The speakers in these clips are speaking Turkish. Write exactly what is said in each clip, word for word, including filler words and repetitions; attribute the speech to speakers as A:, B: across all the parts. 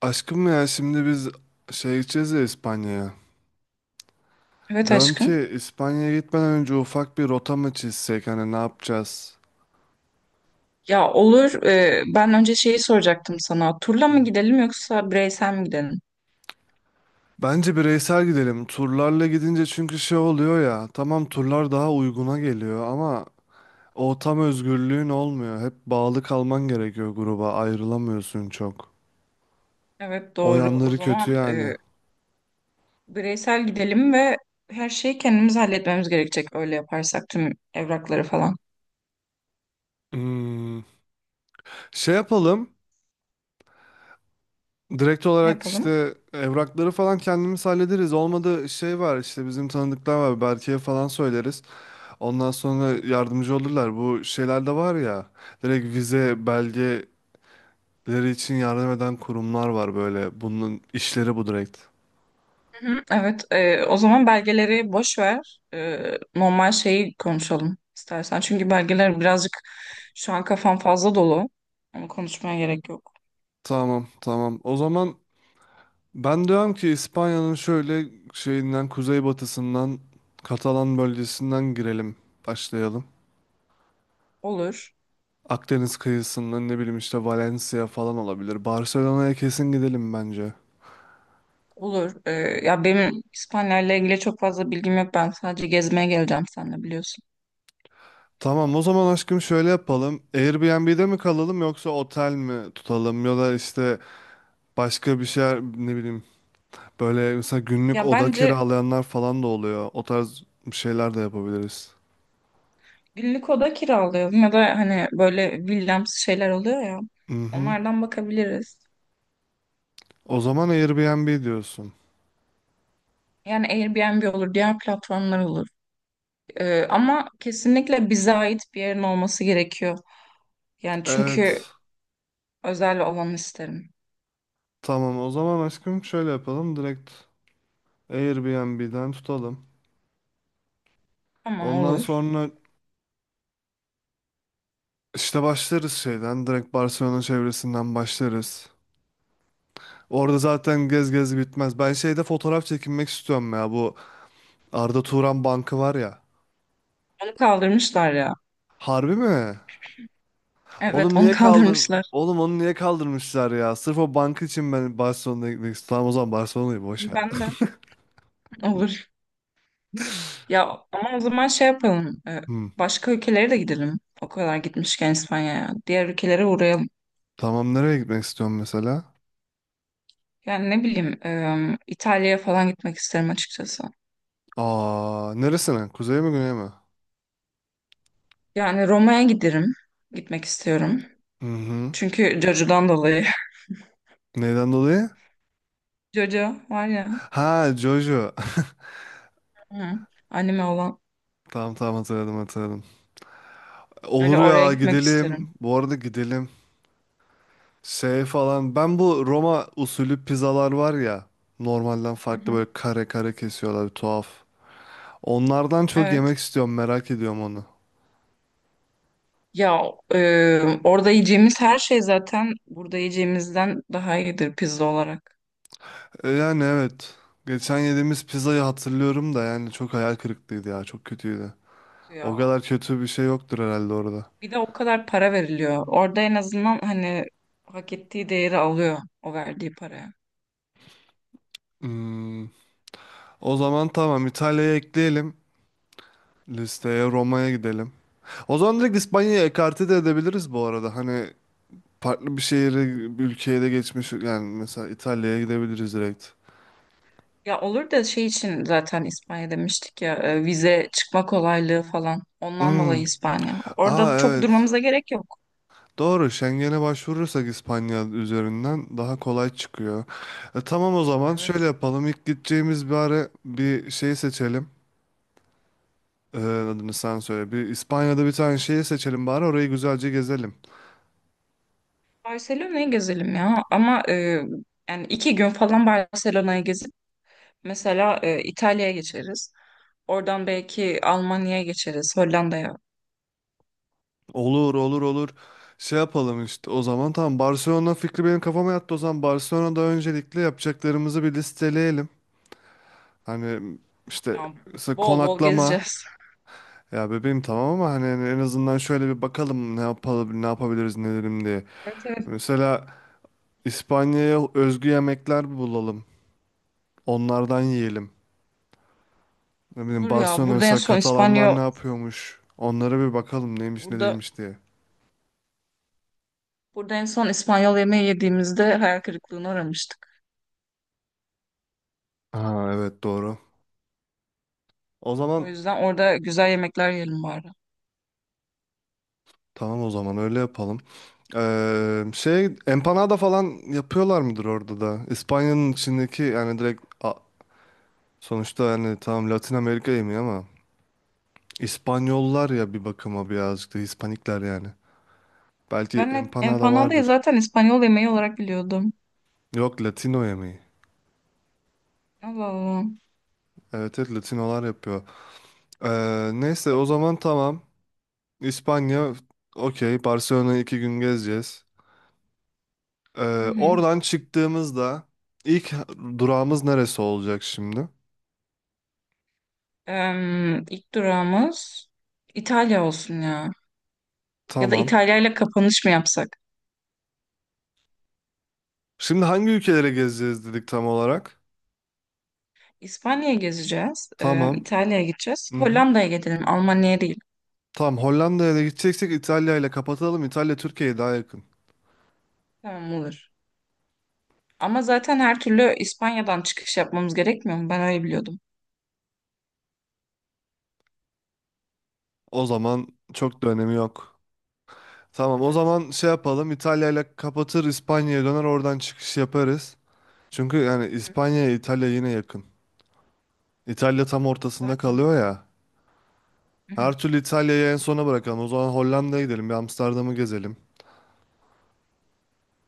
A: Aşkım ya şimdi biz şey gideceğiz ya İspanya'ya.
B: Evet
A: Diyorum
B: aşkım.
A: ki İspanya'ya gitmeden önce ufak bir rota mı çizsek hani ne yapacağız?
B: Ya olur. E, ben önce şeyi soracaktım sana. Turla mı gidelim yoksa bireysel mi gidelim?
A: Bence bireysel gidelim. Turlarla gidince çünkü şey oluyor ya. Tamam turlar daha uyguna geliyor ama o tam özgürlüğün olmuyor. Hep bağlı kalman gerekiyor gruba. Ayrılamıyorsun çok.
B: Evet
A: O
B: doğru. O
A: yanları kötü
B: zaman
A: yani.
B: e, bireysel gidelim ve her şeyi kendimiz halletmemiz gerekecek. Öyle yaparsak tüm evrakları falan.
A: Hmm. Şey yapalım. Direkt
B: Ne
A: olarak
B: yapalım?
A: işte evrakları falan kendimiz hallederiz. Olmadı şey var işte bizim tanıdıklar var. Berke'ye falan söyleriz. Ondan sonra yardımcı olurlar. Bu şeyler de var ya. Direkt vize belgeleri için yardım eden kurumlar var böyle. Bunun işleri bu direkt.
B: Hı hı. Evet. E, o zaman belgeleri boş ver. E, normal şeyi konuşalım istersen. Çünkü belgeler birazcık şu an kafam fazla dolu. Onu konuşmaya gerek yok.
A: Tamam, tamam. O zaman ben diyorum ki İspanya'nın şöyle şeyinden, kuzeybatısından, Katalan bölgesinden girelim. Başlayalım.
B: Olur.
A: Akdeniz kıyısından ne bileyim işte Valencia falan olabilir. Barcelona'ya kesin gidelim bence.
B: Olur. Ee, ya benim İspanya'yla ilgili çok fazla bilgim yok. Ben sadece gezmeye geleceğim seninle biliyorsun.
A: Tamam o zaman aşkım şöyle yapalım. Airbnb'de mi kalalım yoksa otel mi tutalım ya da işte başka bir şeyler, ne bileyim, böyle mesela günlük
B: Ya
A: oda
B: bence
A: kiralayanlar falan da oluyor. O tarz bir şeyler de yapabiliriz.
B: günlük oda kiralayalım ya da hani böyle villamsı şeyler oluyor ya.
A: Mhm.
B: Onlardan bakabiliriz.
A: O zaman Airbnb diyorsun.
B: Yani Airbnb olur, diğer platformlar olur. Ee, ama kesinlikle bize ait bir yerin olması gerekiyor. Yani çünkü
A: Evet.
B: özel olanı isterim.
A: Tamam o zaman aşkım şöyle yapalım. Direkt Airbnb'den tutalım.
B: Tamam
A: Ondan
B: olur.
A: sonra İşte başlarız şeyden. Direkt Barcelona çevresinden başlarız. Orada zaten gez gez bitmez. Ben şeyde fotoğraf çekinmek istiyorum ya. Bu Arda Turan Bankı var ya.
B: Onu kaldırmışlar ya.
A: Harbi mi?
B: Evet,
A: Oğlum
B: onu
A: niye kaldır...
B: kaldırmışlar.
A: Oğlum onu niye kaldırmışlar ya? Sırf o bank için ben Barcelona'ya gitmek istiyorum. Tamam o zaman Barcelona'yı boş ver.
B: Ben de. Olur. Ya ama o zaman şey yapalım. e,
A: Hmm.
B: Başka ülkelere de gidelim. O kadar gitmişken İspanya'ya. Diğer ülkelere uğrayalım.
A: Tamam, nereye gitmek istiyorum mesela?
B: Yani ne bileyim, e, İtalya'ya falan gitmek isterim açıkçası.
A: Aa, neresine? Kuzey mi güney mi?
B: Yani Roma'ya giderim. Gitmek istiyorum.
A: Hı hı.
B: Çünkü Jojo'dan dolayı.
A: Neyden dolayı?
B: Jojo var ya.
A: Ha, Jojo.
B: Hı. Anime olan.
A: Tamam, tamam, hatırladım, hatırladım.
B: Öyle
A: Olur
B: oraya
A: ya,
B: gitmek isterim.
A: gidelim. Bu arada gidelim. Şey falan. Ben bu Roma usulü pizzalar var ya. Normalden
B: Hı
A: farklı
B: hı.
A: böyle kare kare kesiyorlar. Tuhaf. Onlardan çok
B: Evet.
A: yemek istiyorum. Merak ediyorum onu.
B: Ya e, orada yiyeceğimiz her şey zaten burada yiyeceğimizden daha iyidir pizza olarak.
A: E, Yani evet. Geçen yediğimiz pizzayı hatırlıyorum da yani çok hayal kırıklığıydı ya. Çok kötüydü. O
B: Ya
A: kadar kötü bir şey yoktur herhalde orada.
B: bir de o kadar para veriliyor. Orada en azından hani hak ettiği değeri alıyor o verdiği paraya.
A: Hmm. O zaman tamam, İtalya'ya ekleyelim. Listeye. Roma'ya gidelim. O zaman direkt İspanya'ya ekarte de edebiliriz bu arada. Hani farklı bir şehire, bir ülkeye de geçmiş. Yani mesela İtalya'ya gidebiliriz direkt.
B: Ya olur da şey için zaten İspanya demiştik ya e, vize çıkma kolaylığı falan. Ondan
A: Hmm.
B: dolayı İspanya.
A: Aa,
B: Orada çok
A: evet.
B: durmamıza gerek yok.
A: Doğru. Schengen'e başvurursak İspanya üzerinden daha kolay çıkıyor. E, tamam o zaman şöyle
B: Evet.
A: yapalım. İlk gideceğimiz bir ara bir şey seçelim. E, adını sen söyle. Bir, İspanya'da bir tane şeyi seçelim bari, orayı güzelce gezelim.
B: Barcelona'yı gezelim ya ama e, yani iki gün falan Barcelona'yı gezip mesela e, İtalya'ya geçeriz. Oradan belki Almanya'ya geçeriz, Hollanda'ya.
A: Olur, olur, olur. Şey yapalım işte. O zaman tamam, Barcelona fikri benim kafama yattı. O zaman Barcelona'da öncelikle yapacaklarımızı bir listeleyelim. Hani işte,
B: Ya
A: işte
B: bol bol
A: konaklama.
B: gezeceğiz.
A: Ya bebeğim, tamam, ama hani en azından şöyle bir bakalım ne yapalım, ne yapabiliriz, ne edelim diye.
B: Evet evet
A: Mesela İspanya'ya özgü yemekler bulalım. Onlardan yiyelim. Ne bileyim,
B: olur ya.
A: Barcelona
B: Burada en
A: mesela,
B: son
A: Katalanlar
B: İspanya
A: ne yapıyormuş? Onlara bir bakalım neymiş ne
B: Burada
A: değilmiş diye.
B: Burada en son İspanyol yemeği yediğimizde hayal kırıklığına uğramıştık.
A: Ha evet, doğru. O
B: O
A: zaman
B: yüzden orada güzel yemekler yiyelim bari.
A: tamam, o zaman öyle yapalım. Ee, şey, empanada falan yapıyorlar mıdır orada da? İspanya'nın içindeki yani direkt, a- sonuçta yani tamam, Latin Amerika yemeği ama İspanyollar ya bir bakıma birazcık da Hispanikler yani. Belki
B: Ben hep
A: empanada
B: empanadayı
A: vardır.
B: zaten İspanyol yemeği olarak biliyordum.
A: Yok, Latino yemeği.
B: Allah Allah.
A: Evet, evet, Latinolar yapıyor. Ee, neyse,
B: Hep...
A: o zaman tamam. İspanya, okey, Barcelona'yı iki gün gezeceğiz.
B: Hı
A: Ee,
B: hı.
A: Oradan çıktığımızda ilk durağımız neresi olacak şimdi?
B: Em, ilk durağımız İtalya olsun ya. Ya da
A: Tamam.
B: İtalya ile kapanış mı yapsak?
A: Şimdi hangi ülkelere gezeceğiz dedik tam olarak?
B: İspanya'ya gezeceğiz. em,
A: Tamam.
B: İtalya'ya gideceğiz.
A: Hı hı.
B: Hollanda'ya gidelim. Almanya'ya değil.
A: Tamam, Hollanda'ya da gideceksek İtalya ile kapatalım. İtalya Türkiye'ye daha yakın.
B: Tamam olur. Ama zaten her türlü İspanya'dan çıkış yapmamız gerekmiyor mu? Ben öyle biliyordum.
A: O zaman çok da önemi yok. Tamam o
B: Evet.
A: zaman şey yapalım, İtalya'yla kapatır, İspanya'ya döner, oradan çıkış yaparız. Çünkü yani
B: Hı,
A: İspanya'ya İtalya yine yakın. İtalya tam ortasında
B: zaten.
A: kalıyor ya. Her türlü İtalya'yı en sona bırakalım. O zaman Hollanda'ya gidelim, bir Amsterdam'ı gezelim.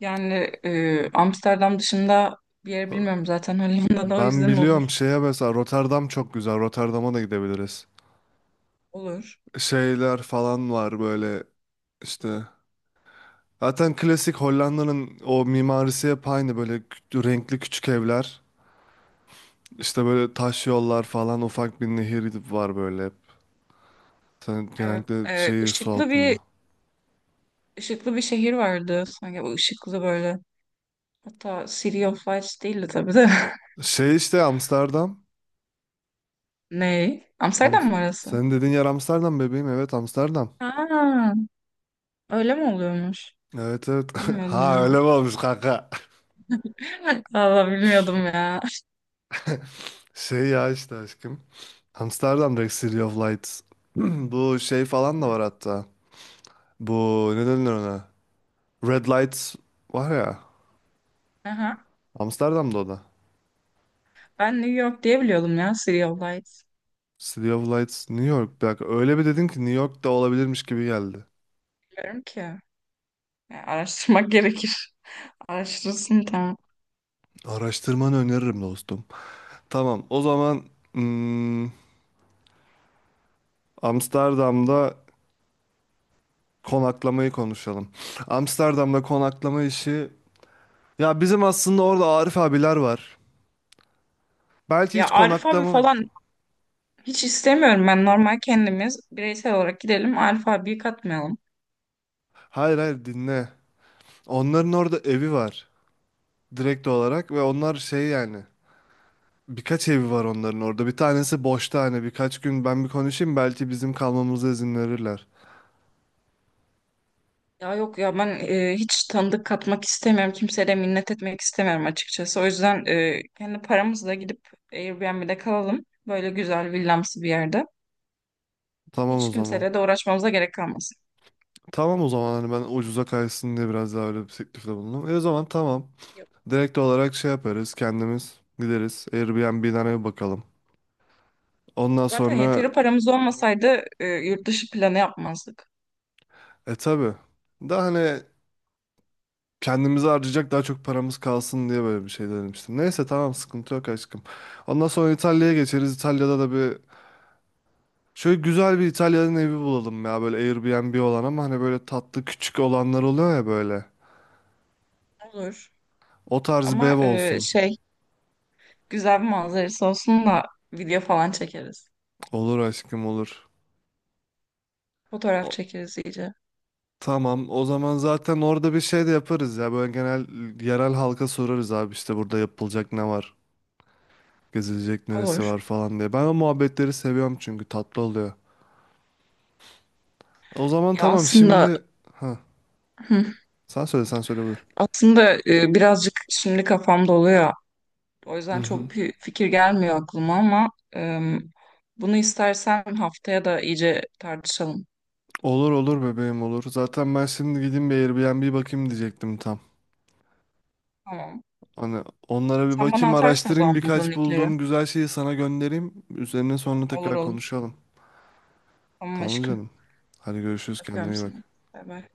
B: Yani e, Amsterdam dışında bir yer bilmiyorum zaten Hollanda'da o
A: Ben
B: yüzden olur.
A: biliyorum, şeye mesela Rotterdam çok güzel. Rotterdam'a da gidebiliriz.
B: Olur.
A: Şeyler falan var böyle işte. Zaten klasik Hollanda'nın o mimarisi hep aynı, böyle kü- renkli küçük evler. İşte böyle taş yollar falan, ufak bir nehir var böyle, hep. Sen
B: Evet.
A: genellikle
B: E,
A: şey, su
B: ışıklı bir
A: altında.
B: ışıklı bir şehir vardı. Sanki bu ışıklı böyle. Hatta City of Lights değildi tabii de.
A: Şey işte, Amsterdam.
B: Ne?
A: Am
B: Amsterdam mı orası?
A: Senin dediğin yer Amsterdam bebeğim. Evet, Amsterdam.
B: Ha, öyle mi oluyormuş?
A: Evet, evet.
B: Bilmiyordum
A: Ha
B: ya.
A: öyle mi olmuş kanka?
B: Valla bilmiyordum ya.
A: Şey ya işte aşkım. Amsterdam direkt City of Lights. Bu şey falan da var hatta. Bu, ne denir ona? Red Lights var ya.
B: Aha.
A: Amsterdam'da o da.
B: Ben New York diye biliyordum ya City of Lights.
A: City of Lights New York. Bir dakika, öyle bir dedin ki New York'ta olabilirmiş gibi geldi.
B: Bilmiyorum ki. Ya, araştırmak gerekir. Araştırırsın tamam.
A: Araştırmanı öneririm dostum. Tamam o zaman... hmm, Amsterdam'da konaklamayı konuşalım. Amsterdam'da konaklama işi... Ya bizim aslında orada Arif abiler var. Belki
B: Ya
A: hiç
B: Arif abi
A: konaklama...
B: falan Hiç istemiyorum, ben normal kendimiz bireysel olarak gidelim, Arif katmayalım.
A: Hayır, hayır, dinle. Onların orada evi var. Direkt olarak, ve onlar şey yani... Birkaç evi var onların orada. Bir tanesi boşta, hani birkaç gün ben bir konuşayım, belki bizim kalmamıza izin verirler.
B: Ya yok ya, ben e, hiç tanıdık katmak istemiyorum. Kimseye de minnet etmek istemiyorum açıkçası. O yüzden e, kendi paramızla gidip Airbnb'de kalalım. Böyle güzel villamsı bir yerde.
A: Tamam o
B: Hiç
A: zaman.
B: kimseyle de uğraşmamıza gerek kalmasın.
A: Tamam o zaman, hani ben ucuza kaysın diye biraz daha öyle bir teklifte bulundum. E o zaman tamam.
B: Yok.
A: Direkt olarak şey yaparız, kendimiz gideriz Airbnb'den eve bakalım. Ondan
B: Zaten
A: sonra
B: yeteri paramız olmasaydı e, yurt dışı planı yapmazdık.
A: e tabi daha hani kendimizi harcayacak daha çok paramız kalsın diye böyle bir şey denemiştim. Neyse tamam, sıkıntı yok aşkım. Ondan sonra İtalya'ya geçeriz. İtalya'da da bir şöyle güzel bir İtalya'nın evi bulalım ya, böyle Airbnb olan ama hani böyle tatlı küçük olanlar oluyor ya böyle.
B: Olur.
A: O tarz bir ev
B: Ama e,
A: olsun.
B: şey güzel bir manzarası olsun da video falan çekeriz.
A: Olur aşkım, olur.
B: Fotoğraf çekeriz iyice.
A: Tamam, o zaman zaten orada bir şey de yaparız ya. Böyle genel yerel halka sorarız, abi işte burada yapılacak ne var, gezilecek neresi var
B: Olur.
A: falan diye. Ben o muhabbetleri seviyorum çünkü tatlı oluyor. O zaman
B: Ya
A: tamam
B: aslında
A: şimdi... Ha,
B: Hı.
A: sen söyle, sen söyle, buyur.
B: Aslında e, birazcık şimdi kafamda oluyor. O
A: Hı
B: yüzden
A: hı.
B: çok bir fikir gelmiyor aklıma ama e, bunu istersen haftaya da iyice tartışalım.
A: Olur, olur bebeğim, olur. Zaten ben şimdi gideyim bir Airbnb bakayım diyecektim tam.
B: Tamam.
A: Hani onlara bir
B: Sen bana
A: bakayım,
B: atarsın o
A: araştırayım,
B: zaman bulduğun
A: birkaç
B: linkleri.
A: bulduğum güzel şeyi sana göndereyim. Üzerine sonra
B: Olur
A: tekrar
B: olur.
A: konuşalım.
B: Tamam
A: Tamam
B: aşkım.
A: canım. Hadi görüşürüz, kendine
B: Öpüyorum
A: iyi bak.
B: seni. Bay bay.